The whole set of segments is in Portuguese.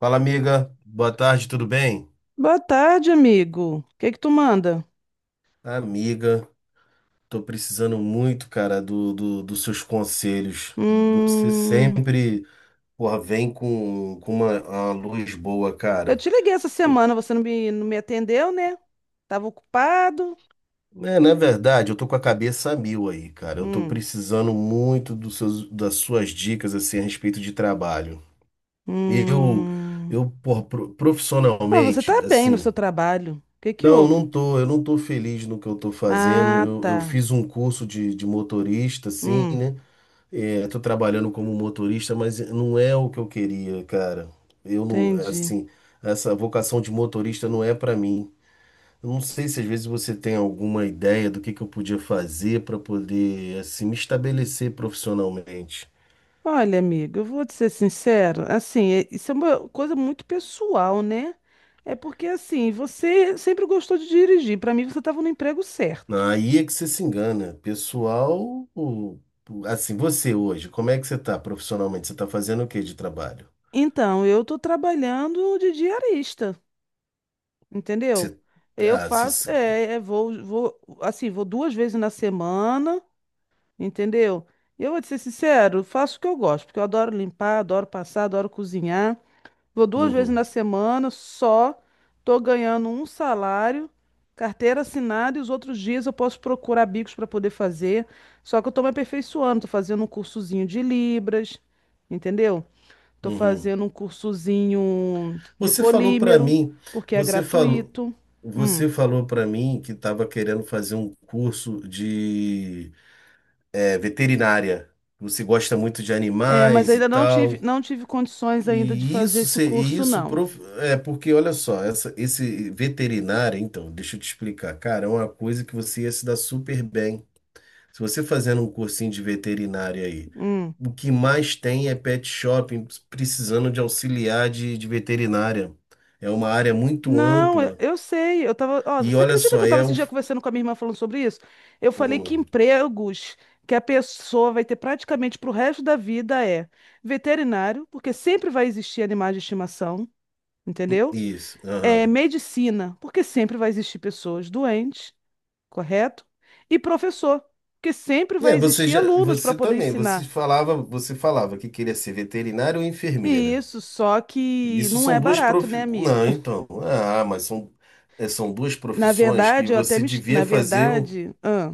Fala, amiga. Boa tarde, tudo bem? Boa tarde, amigo. O que que tu manda? Amiga, tô precisando muito, cara, dos seus conselhos. Você Hum, sempre, porra, vem com uma luz boa, eu cara. te liguei essa semana, você não me atendeu, né? Tava ocupado. É, na verdade, eu tô com a cabeça a mil aí, cara. Eu tô Hum, precisando muito dos seus, das suas dicas, assim, a respeito de trabalho. Eu, hum. eu, porra, Mas você profissionalmente, tá bem no assim, seu trabalho. O que que não, não houve? tô, eu não tô feliz no que eu tô fazendo. Ah, Eu tá. fiz um curso de motorista, assim, Hum, né? É, tô trabalhando como motorista, mas não é o que eu queria, cara. Eu não, entendi. assim, essa vocação de motorista não é pra mim. Eu não sei se às vezes você tem alguma ideia do que eu podia fazer pra poder, assim, me estabelecer profissionalmente. Olha, amigo, eu vou te ser sincero. Assim, isso é uma coisa muito pessoal, né? É porque, assim, você sempre gostou de dirigir. Para mim, você estava no emprego certo. Aí é que você se engana. Pessoal, assim, você hoje, como é que você tá profissionalmente? Você tá fazendo o que de trabalho? Então, eu tô trabalhando de diarista. Entendeu? Você, Eu ah, você, faço, se- assim, vou duas vezes na semana, entendeu? E eu vou te ser sincero, faço o que eu gosto, porque eu adoro limpar, adoro passar, adoro cozinhar. Vou duas vezes uhum, na semana, só tô ganhando um salário, carteira assinada, e os outros dias eu posso procurar bicos para poder fazer. Só que eu tô me aperfeiçoando, tô fazendo um cursozinho de Libras, entendeu? Tô uhum. fazendo um cursozinho de Você falou para polímero, mim, porque é você falou, gratuito. Hum. você falou para mim que estava querendo fazer um curso de veterinária. Você gosta muito de É, mas animais e ainda não tive, tal. não tive condições ainda de E fazer isso, esse se- e curso, isso não. prof- é porque, olha só, esse veterinário, então, deixa eu te explicar, cara, é uma coisa que você ia se dar super bem. Se você fazendo um cursinho de veterinária aí, Hum. o que mais tem é pet shopping precisando de auxiliar de veterinária. É uma área muito Não, eu ampla. eu sei. Eu tava, ó, E você olha acredita que só, eu estava é esse o. dia conversando com a minha irmã falando sobre isso? Eu falei que hum, empregos que a pessoa vai ter praticamente para o resto da vida é veterinário, porque sempre vai existir animais de estimação, entendeu? isso. É Aham. medicina, porque sempre vai existir pessoas doentes. Correto? E professor, porque sempre É, vai você existir já, alunos para você poder também, você ensinar. falava, você falava que queria ser veterinário ou E enfermeira. isso, só que não é barato, né, amigo? Não, então. Ah, mas são duas Na profissões que verdade, eu até você me... devia Na fazer. Verdade, ah,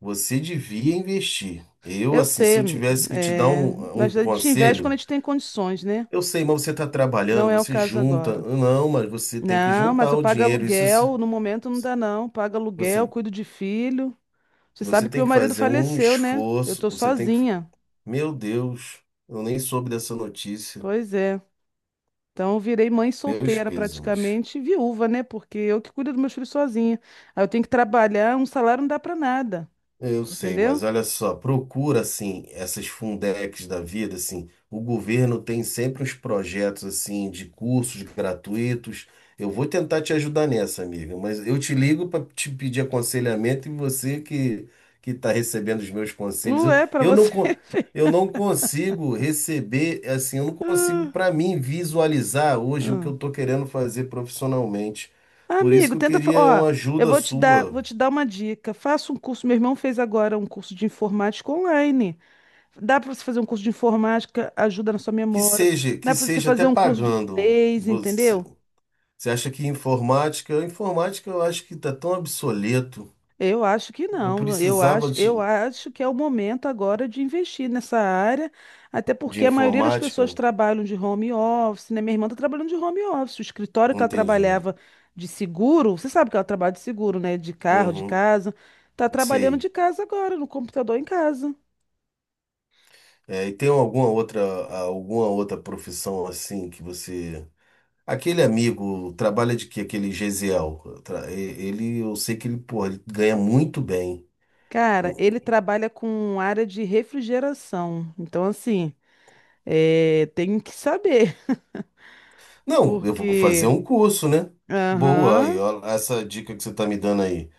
Você devia investir. Eu, eu assim, sei, se eu amigo. tivesse que te dar É... um Mas a gente investe quando a conselho, gente tem condições, né? eu sei, mas você está Não trabalhando, é o você caso junta. agora. Não, mas você tem que Não, mas juntar eu o pago dinheiro. Aluguel, no momento não dá não. Pago aluguel, você, cuido de filho. Você sabe você que tem meu que marido fazer um faleceu, né? Eu esforço. tô Você tem que. sozinha. Meu Deus, eu nem soube dessa notícia. Pois é. Então, eu virei mãe Meus solteira pêsames. praticamente, e viúva, né? Porque eu que cuido dos meus filhos sozinha. Aí eu tenho que trabalhar, um salário não dá pra nada, Eu sei, mas entendeu? olha só, procura assim essas Fundecs da vida, assim, o governo tem sempre uns projetos assim de cursos gratuitos. Eu vou tentar te ajudar nessa, amiga, mas eu te ligo para te pedir aconselhamento e você que está recebendo os meus conselhos, eu, Ué, pra eu não você. co- ver. eu não consigo receber, assim, eu não consigo Ah, para mim visualizar hoje o que ah. eu estou querendo fazer profissionalmente. Por isso Amigo, que eu tenta, queria ó, uma eu ajuda vou te dar, sua. vou te dar uma dica. Faça um curso, meu irmão fez agora um curso de informática online. Dá pra você fazer um curso de informática, ajuda na sua Que memória. seja, Dá que pra você seja fazer até um curso de pagando. inglês, Você, entendeu? você acha que informática? Informática eu acho que está tão obsoleto. Eu acho que Eu não. Eu precisava acho, de, eu acho que é o momento agora de investir nessa área, até de porque a maioria das pessoas informática. trabalham de home office, né? Minha irmã está trabalhando de home office. O escritório que ela Entendi. trabalhava de seguro, você sabe que ela trabalha de seguro, né? De carro, de Uhum, casa. Tá trabalhando sei. de casa agora, no computador em casa. É, e tem alguma outra profissão assim que você. Aquele amigo trabalha de quê? Aquele Gesiel. Ele, eu sei que ele, porra, ele ganha muito bem. Cara, ele trabalha com área de refrigeração. Então, assim, tem que saber, Não, eu vou fazer porque. um curso, né? Boa, aí, Aham. ó, essa dica que você está me dando aí.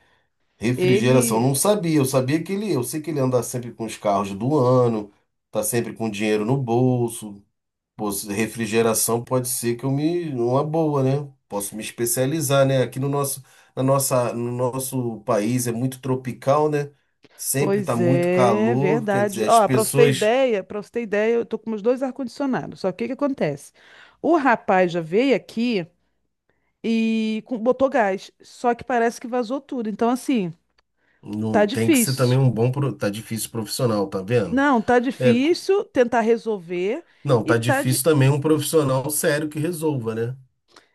Refrigeração, Ele. não sabia. Eu sei que ele anda sempre com os carros do ano, tá sempre com dinheiro no bolso. Pô, refrigeração pode ser que eu me, uma boa, né? Posso me especializar, né? Aqui no nosso país é muito tropical, né? Sempre tá Pois muito é, calor, quer verdade. dizer, as Ó, para você ter pessoas ideia, para você ter ideia, eu tô com meus dois ar-condicionados. Só que o que acontece? O rapaz já veio aqui e botou gás, só que parece que vazou tudo. Então, assim, tá não tem que ser também difícil. um bom, tá difícil profissional, tá vendo? Não, tá É, difícil tentar resolver não, e tá tá de... difícil também um profissional sério que resolva, né?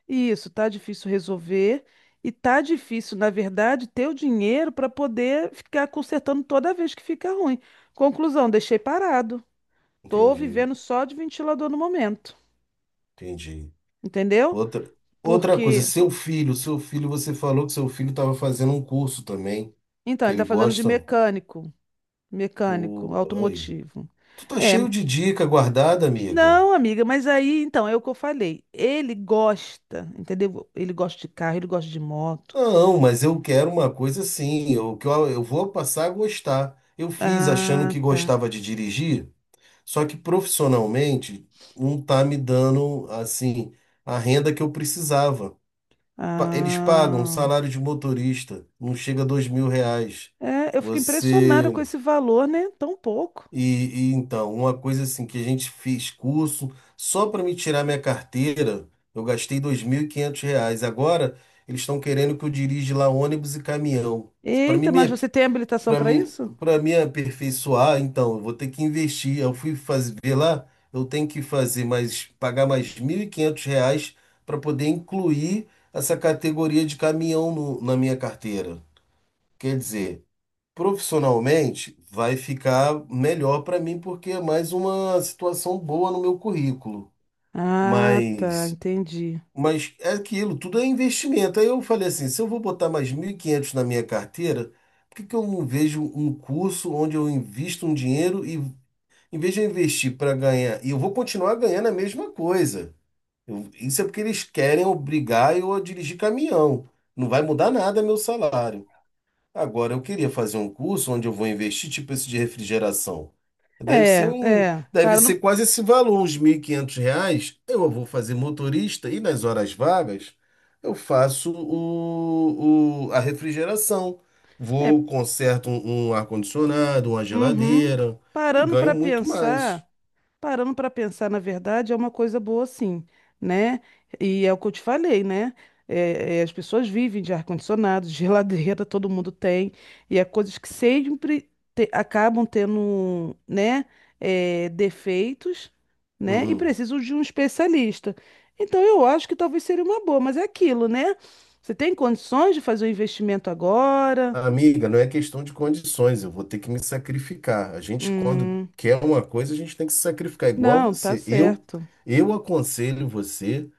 Isso, tá difícil resolver e tá difícil, na verdade, ter o dinheiro para poder ficar consertando toda vez que fica ruim. Conclusão, deixei parado. Tô Entendi, vivendo só de ventilador no momento. entendi. Entendeu? Outra, outra coisa, Porque, seu filho, você falou que seu filho estava fazendo um curso também, então, que ele ele está fazendo de gosta. mecânico, mecânico, Pô, aí. automotivo. Tu tá É, cheio de dica guardada, amiga. não, amiga, mas aí, então, é o que eu falei. Ele gosta, entendeu? Ele gosta de carro, ele gosta de moto. Não, mas eu quero uma coisa assim, que eu vou passar a gostar. Eu fiz achando Ah, que tá. gostava de dirigir, só que profissionalmente não tá me dando assim a renda que eu precisava. Eles pagam Ah. salário de motorista, não chega a R$ 2.000. É, eu fico impressionada com Você esse valor, né? Tão pouco. então, uma coisa assim que a gente fez curso, só para me tirar minha carteira, eu gastei R$ 2.500. Agora eles estão querendo que eu dirija lá ônibus e caminhão. Para Eita, mim, mas você tem habilitação para para mim, isso? para me aperfeiçoar, então, eu vou ter que investir. Eu fui fazer ver lá, eu tenho que fazer mais, pagar mais R$ 1.500 para poder incluir essa categoria de caminhão na minha carteira. Quer dizer, profissionalmente, vai ficar melhor para mim porque é mais uma situação boa no meu currículo. Ah, tá, Mas, entendi. mas, é aquilo, tudo é investimento. Aí eu falei assim, se eu vou botar mais 1.500 na minha carteira, por que que eu não vejo um curso onde eu invisto um dinheiro e em vez de eu investir para ganhar, e eu vou continuar ganhando a mesma coisa. Isso é porque eles querem obrigar eu a dirigir caminhão. Não vai mudar nada meu salário. Agora, eu queria fazer um curso onde eu vou investir, tipo esse de refrigeração. Deve ser É, um, é, deve parando, ser quase esse valor, uns R$ 1.500. Eu vou fazer motorista e nas horas vagas eu faço a refrigeração. é, Vou, conserto um ar-condicionado, uma uhum. geladeira e Parando ganho para muito mais. pensar, Parando para pensar, na verdade, é uma coisa boa, sim, né? E é o que eu te falei, né? As pessoas vivem de ar-condicionado, de geladeira, todo mundo tem, e é coisas que sempre acabam tendo, né, defeitos, né? E Uhum. precisam de um especialista. Então, eu acho que talvez seria uma boa, mas é aquilo, né? Você tem condições de fazer o investimento agora? Amiga, não é questão de condições, eu vou ter que me sacrificar. A gente, quando Hum, quer uma coisa, a gente tem que se sacrificar, igual não, tá você. Eu, certo. eu aconselho você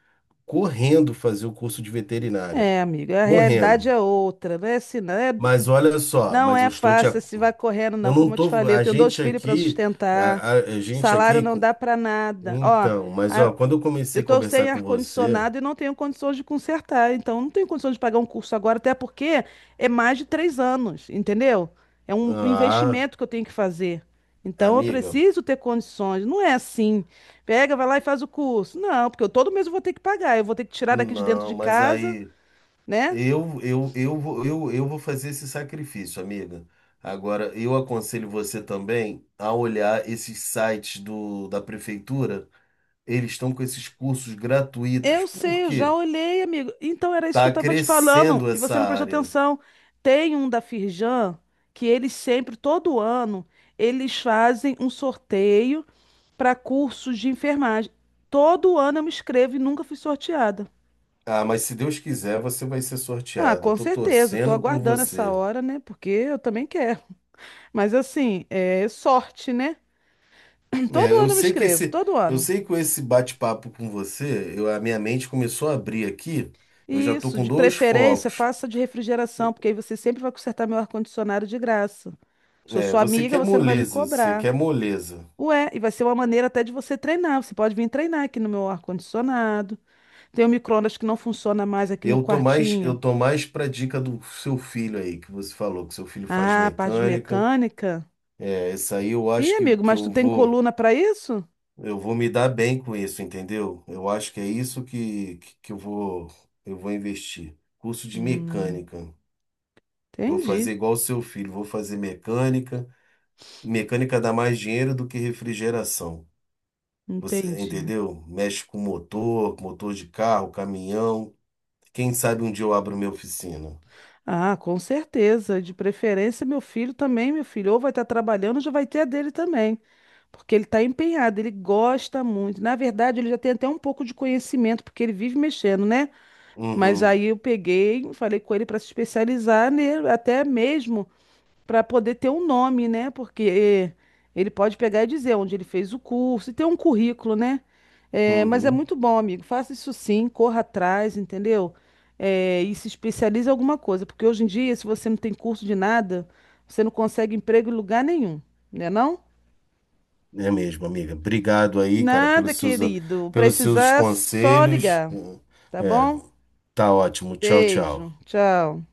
correndo fazer o curso de veterinária. É, amiga, a realidade Correndo. é outra, né? Se não é. Mas olha só. Não Mas eu é estou te. fácil Ac- se vai correndo, Eu não. não Como eu te tô. falei, eu A tenho dois gente filhos para aqui. sustentar, A, a gente salário aqui. não dá para nada. Ó, Então, mas ó, a- quando eu eu comecei a estou sem conversar com você. ar-condicionado e não tenho condições de consertar, então não tenho condições de pagar um curso agora, até porque é mais de 3 anos, entendeu? É um Ah, investimento que eu tenho que fazer. Então eu amiga, preciso ter condições. Não é assim. Pega, vai lá e faz o curso. Não, porque eu todo mês eu vou ter que pagar. Eu vou ter que tirar daqui de dentro de não, mas casa, aí. né? Eu vou fazer esse sacrifício, amiga. Agora, eu aconselho você também a olhar esses sites da prefeitura. Eles estão com esses cursos gratuitos. Eu Por sei, eu já quê? olhei, amigo. Então era isso que eu Tá estava te falando crescendo e essa você não prestou área. atenção. Tem um da Firjan que eles sempre, todo ano, eles fazem um sorteio para cursos de enfermagem. Todo ano eu me inscrevo e nunca fui sorteada. Ah, mas se Deus quiser, você vai ser Ah, sorteada. Eu com tô certeza. Tô torcendo por aguardando essa você. hora, né? Porque eu também quero. Mas assim, é sorte, né? É, Todo eu ano eu me sei que inscrevo, esse, todo eu ano. sei que com esse bate-papo com você, a minha mente começou a abrir aqui. Eu já tô Isso, com de dois preferência, focos. faça de refrigeração, porque aí você sempre vai consertar meu ar-condicionado de graça. Sou É, sua você amiga, quer você não vai me moleza, você cobrar. quer moleza. Ué, e vai ser uma maneira até de você treinar. Você pode vir treinar aqui no meu ar-condicionado. Tem o micro-ondas que não funciona mais aqui no Eu tô mais, eu quartinho. tô mais pra dica do seu filho aí, que você falou, que seu filho faz Ah, parte de mecânica. mecânica. É, isso aí eu Ih, acho que, amigo, que mas tu eu tem vou, coluna para isso? eu vou me dar bem com isso, entendeu? Eu acho que é isso que eu vou investir. Curso de Hum, mecânica. Vou entendi, fazer igual o seu filho, vou fazer mecânica. Mecânica dá mais dinheiro do que refrigeração. Você entendi. entendeu? Mexe com motor, motor de carro, caminhão. Quem sabe um dia eu abro minha oficina. Ah, com certeza. De preferência, meu filho também, meu filho. Ou vai estar trabalhando, já vai ter a dele também. Porque ele está empenhado, ele gosta muito. Na verdade, ele já tem até um pouco de conhecimento, porque ele vive mexendo, né? Mas Uhum, aí eu peguei, falei com ele para se especializar, né? Até mesmo para poder ter um nome, né? Porque é, ele pode pegar e dizer onde ele fez o curso, e ter um currículo, né? É, mas é uhum. muito bom, amigo. Faça isso sim, corra atrás, entendeu? É, e se especialize em alguma coisa, porque hoje em dia, se você não tem curso de nada, você não consegue emprego em lugar nenhum, né não? É mesmo, amiga. Obrigado aí, cara, Nada, pelos seus, querido. pelos seus Precisar, só conselhos. ligar, tá É, bom? tá ótimo. Tchau, Beijo, tchau. tchau.